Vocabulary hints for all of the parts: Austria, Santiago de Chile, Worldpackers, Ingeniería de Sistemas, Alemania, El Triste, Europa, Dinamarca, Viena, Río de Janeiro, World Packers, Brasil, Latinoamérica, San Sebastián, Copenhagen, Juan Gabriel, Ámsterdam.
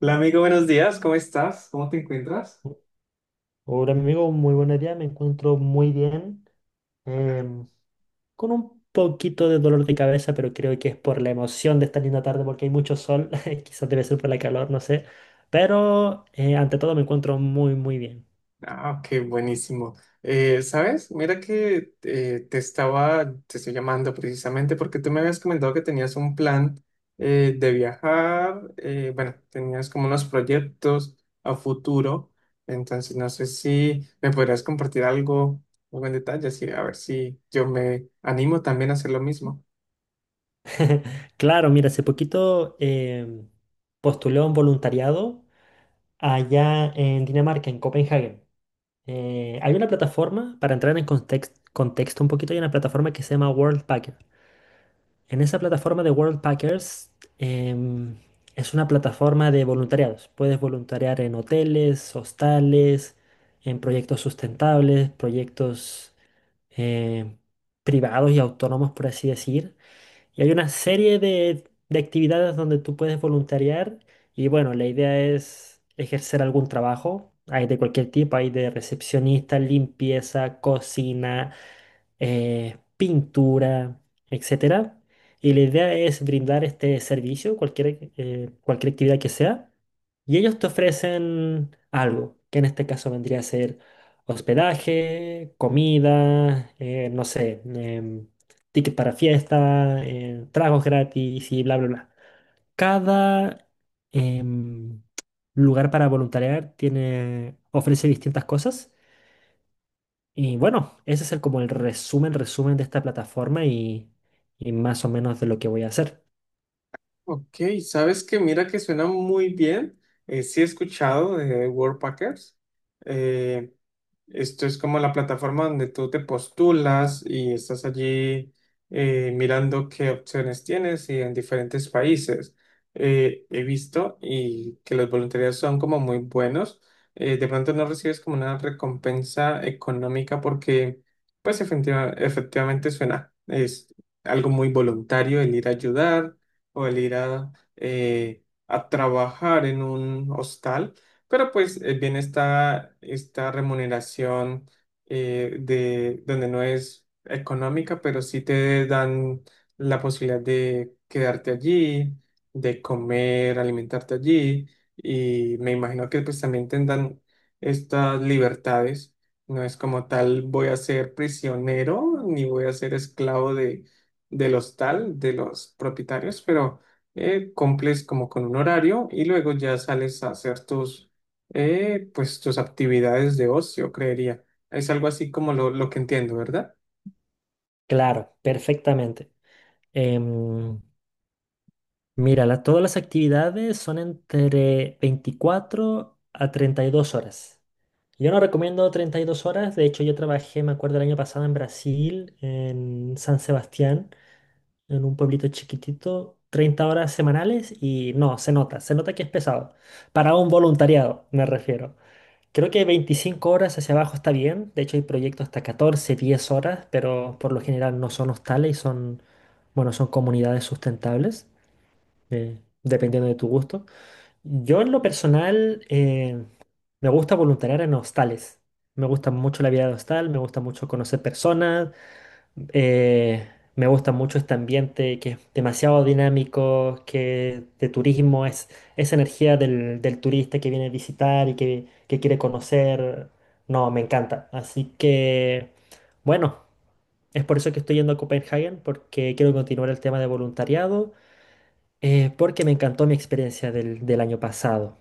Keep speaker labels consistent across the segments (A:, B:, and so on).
A: Hola amigo, buenos días, ¿cómo estás? ¿Cómo te encuentras?
B: Hola amigo, muy buenos días, me encuentro muy bien, em, con un poquito de dolor de cabeza, pero creo que es por la emoción de esta linda tarde porque hay mucho sol, quizás debe ser por la calor, no sé, pero ante todo me encuentro muy muy bien.
A: Ah, ok, buenísimo. ¿Sabes? Mira que te estoy llamando precisamente porque tú me habías comentado que tenías un plan de viajar, bueno, tenías como unos proyectos a futuro, entonces no sé si me podrías compartir algo, algo en detalle, así a ver si yo me animo también a hacer lo mismo.
B: Claro, mira, hace poquito postulé a un voluntariado allá en Dinamarca, en Copenhague. Hay una plataforma, para entrar en contexto un poquito, hay una plataforma que se llama World. En esa plataforma de World Packers em, es una plataforma de voluntariados. Puedes voluntariar en hoteles, hostales, en proyectos sustentables, proyectos eh, privados y autónomos, por así decir. Y hay una serie de actividades donde tú puedes voluntariar. Y bueno, la idea es ejercer algún trabajo. Hay de cualquier tipo, hay de recepcionista, limpieza, cocina pintura, etcétera. Y la idea es brindar este servicio, cualquier actividad que sea, y ellos te ofrecen algo, que en este caso vendría a ser hospedaje, comida, no sé, ticket para fiesta, tragos gratis y bla, bla, bla. Cada em, lugar para voluntariar tiene, ofrece distintas cosas. Y bueno, ese es el, como el resumen de esta plataforma y más o menos de lo que voy a hacer.
A: Ok, sabes que mira que suena muy bien. Sí he escuchado de Worldpackers. Eh, esto es como la plataforma donde tú te postulas y estás allí mirando qué opciones tienes y en diferentes países. He visto y que los voluntarios son como muy buenos. De pronto no recibes como una recompensa económica porque pues efectivamente suena. Es algo muy voluntario el ir a ayudar o el ir a trabajar en un hostal, pero pues viene esta remuneración de donde no es económica, pero sí te dan la posibilidad de quedarte allí, de comer, alimentarte allí, y me imagino que pues también tendrán estas libertades. No es como tal, voy a ser prisionero ni voy a ser esclavo de del hostal, de los propietarios, pero cumples como con un horario y luego ya sales a hacer pues, tus actividades de ocio, creería. Es algo así como lo que entiendo, ¿verdad?
B: Claro, perfectamente. Em, Mira, todas las actividades son entre 24 a 32 horas. Yo no recomiendo 32 horas, de hecho yo trabajé, me acuerdo, el año pasado en Brasil, en San Sebastián, en un pueblito chiquitito, 30 horas semanales y no, se nota que es pesado. Para un voluntariado, me refiero. Creo que 25 horas hacia abajo está bien. De hecho, hay proyectos hasta 14, 10 horas, pero por lo general no son hostales y son, bueno, son comunidades sustentables, dependiendo de tu gusto. Yo en lo personal me gusta voluntariar en hostales. Me gusta mucho la vida de hostal, me gusta mucho conocer personas, eh, me gusta mucho este ambiente que es demasiado dinámico, que de turismo es esa energía del turista que viene a visitar y que quiere conocer. No, me encanta. Así que, bueno, es por eso que estoy yendo a Copenhagen, porque quiero continuar el tema de voluntariado, porque me encantó mi experiencia del año pasado.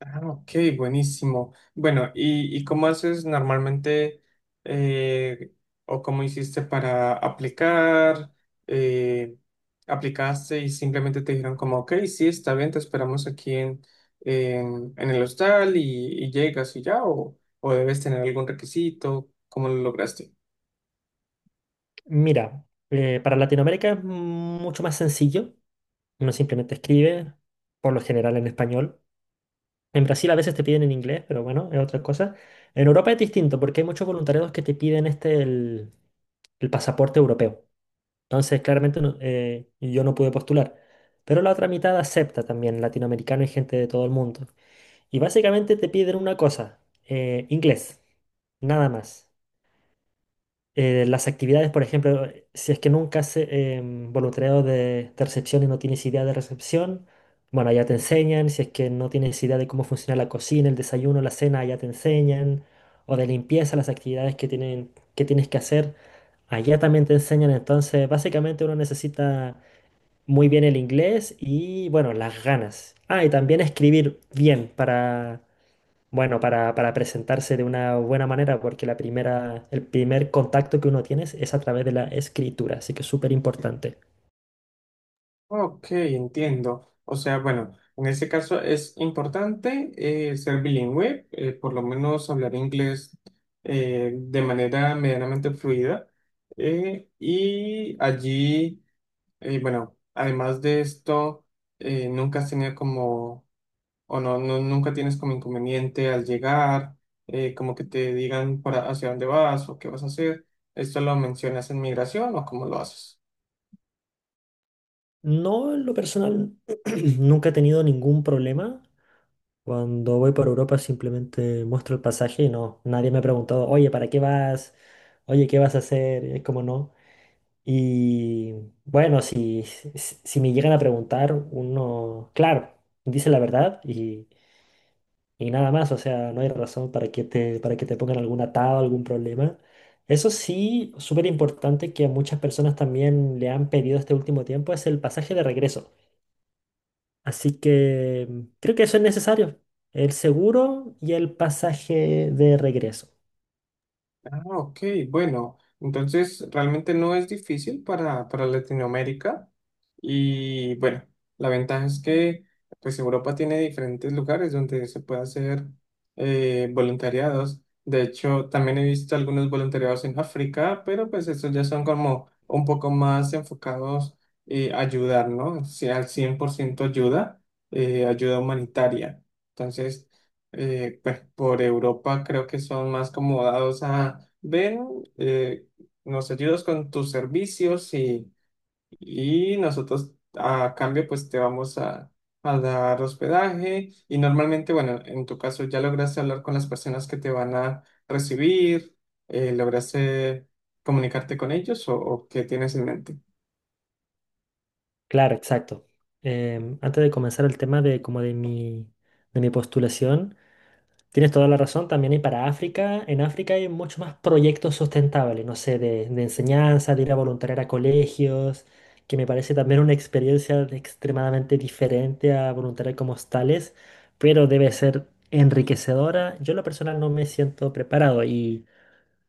A: Ah, ok, buenísimo. Bueno, y cómo haces normalmente eh, o cómo hiciste para aplicar? Eh, ¿Aplicaste y simplemente te dijeron como, ok, sí, está bien, te esperamos aquí en el hostal y llegas y ya? O debes tener algún requisito? ¿Cómo lo lograste?
B: Mira, para Latinoamérica es mucho más sencillo. Uno simplemente escribe, por lo general en español. En Brasil a veces te piden en inglés, pero bueno, es otra cosa. En Europa es distinto porque hay muchos voluntariados que te piden el pasaporte europeo. Entonces, claramente yo no pude postular. Pero la otra mitad acepta también latinoamericano y gente de todo el mundo. Y básicamente te piden una cosa, inglés, nada más. Las actividades, por ejemplo, si es que nunca hace voluntariado de recepción y no tienes idea de recepción, bueno, allá te enseñan. Si es que no tienes idea de cómo funciona la cocina, el desayuno, la cena, allá te enseñan. O de limpieza, las actividades que tienen, que tienes que hacer, allá también te enseñan. Entonces, básicamente uno necesita muy bien el inglés y, bueno, las ganas. Ah, y también escribir bien para bueno, para presentarse de una buena manera, porque la primera, el primer contacto que uno tiene es a través de la escritura, así que es súper importante.
A: Ok, entiendo. O sea, bueno, en este caso es importante ser bilingüe, por lo menos hablar inglés de manera medianamente fluida. Eh, y allí, bueno, además de esto, nunca has tenido como, o no, nunca tienes como inconveniente al llegar, como que te digan para hacia dónde vas o qué vas a hacer. ¿Esto lo mencionas en migración o cómo lo haces?
B: No, en lo personal, nunca he tenido ningún problema. Cuando voy por Europa simplemente muestro el pasaje y no, nadie me ha preguntado, oye, ¿para qué vas? Oye, ¿qué vas a hacer? Es como no. Y bueno, si me llegan a preguntar, uno, claro, dice la verdad y... Y nada más, o sea, no hay razón para que te pongan algún atado, algún problema. Eso sí, súper importante que a muchas personas también le han pedido este último tiempo es el pasaje de regreso. Así que creo que eso es necesario. El seguro y el pasaje de regreso.
A: Ah, ok, bueno, entonces realmente no es difícil para Latinoamérica. Y bueno, la ventaja es que pues Europa tiene diferentes lugares donde se puede hacer voluntariados. De hecho, también he visto algunos voluntariados en África, pero pues estos ya son como un poco más enfocados a ayudar, ¿no? Si al 100% ayuda, ayuda humanitaria. Entonces, pues por Europa creo que son más como dados a, ven, eh, nos ayudas con tus servicios y nosotros a cambio pues te vamos a dar hospedaje y normalmente, bueno, en tu caso ya lograste hablar con las personas que te van a recibir, lograste comunicarte con ellos o qué tienes en mente.
B: Claro, exacto. Antes de comenzar el tema de como de mi postulación. Tienes toda la razón, también hay para África. En África hay muchos más proyectos sustentables, no sé, de enseñanza, de ir a voluntariar a colegios, que me parece también una experiencia extremadamente diferente a voluntariar como hostales, pero debe ser enriquecedora. Yo en lo personal no me siento preparado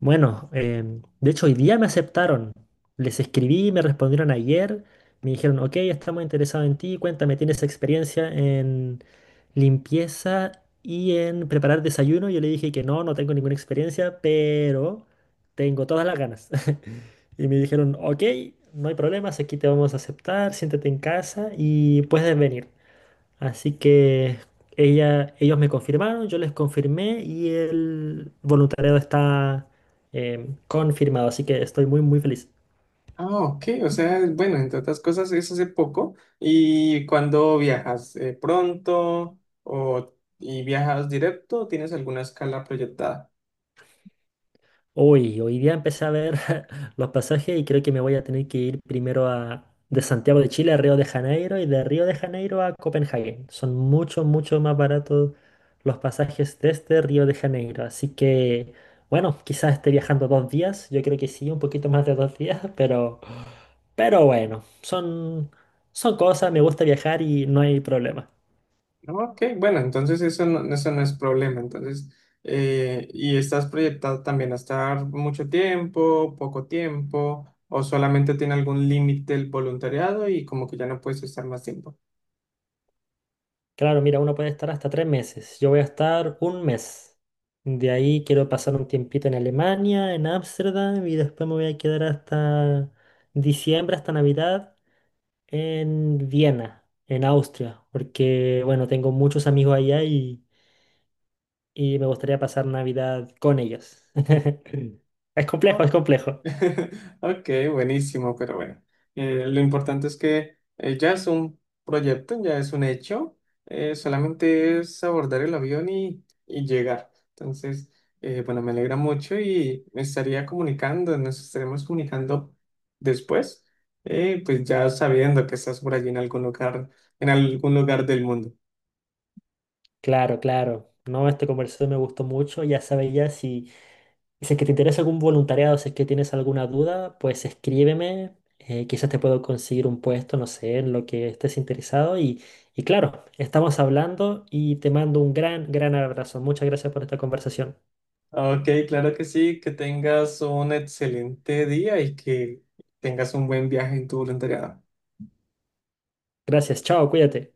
B: bueno, de hecho hoy día me aceptaron. Les escribí, me respondieron ayer, me dijeron, ok, estamos interesados en ti, cuéntame, ¿tienes experiencia en limpieza y en preparar desayuno? Yo le dije que no, no tengo ninguna experiencia, pero tengo todas las ganas. Y me dijeron, ok, no hay problemas, aquí te vamos a aceptar, siéntate en casa y puedes venir. Así que ellos me confirmaron, yo les confirmé y el voluntariado está confirmado, así que estoy muy muy feliz.
A: Ah, ok, o sea, bueno, entre otras cosas es hace poco y cuando viajas pronto o y viajas directo, ¿O ¿tienes alguna escala proyectada?
B: Hoy día empecé a ver los pasajes y creo que me voy a tener que ir primero de Santiago de Chile a Río de Janeiro y de Río de Janeiro a Copenhague. Son mucho, mucho más baratos los pasajes desde Río de Janeiro. Así que, bueno, quizás esté viajando 2 días. Yo creo que sí, un poquito más de 2 días, pero... Pero bueno, son cosas, me gusta viajar y no hay problema.
A: Ok, bueno, entonces eso no es problema. Entonces, ¿y estás proyectado también a estar mucho tiempo, poco tiempo, o solamente tiene algún límite el voluntariado y como que ya no puedes estar más tiempo?
B: Claro, mira, uno puede estar hasta 3 meses. Yo voy a estar un mes. De ahí quiero pasar un tiempito en Alemania, en Ámsterdam, y después me voy a quedar hasta diciembre, hasta Navidad, en Viena, en Austria, porque, bueno, tengo muchos amigos allá y me gustaría pasar Navidad con ellos. Es complejo, es complejo.
A: Ok, buenísimo, pero bueno, lo importante es que ya es un proyecto, ya es un hecho, solamente es abordar el avión y llegar. Entonces, bueno, me alegra mucho y me estaría comunicando, nos estaremos comunicando después, pues ya sabiendo que estás por allí en algún lugar del mundo.
B: Claro, claro. No, esta conversación me gustó mucho. Ya sabes ya si... Y si es que te interesa algún voluntariado, si es que tienes alguna duda, pues escríbeme. Quizás te puedo conseguir un puesto, no sé, en lo que estés interesado. Y claro, estamos hablando y te mando un gran, gran abrazo. Muchas gracias por esta conversación.
A: Ok, claro que sí, que tengas un excelente día y que tengas un buen viaje en tu voluntariado.
B: Gracias, chao, cuídate.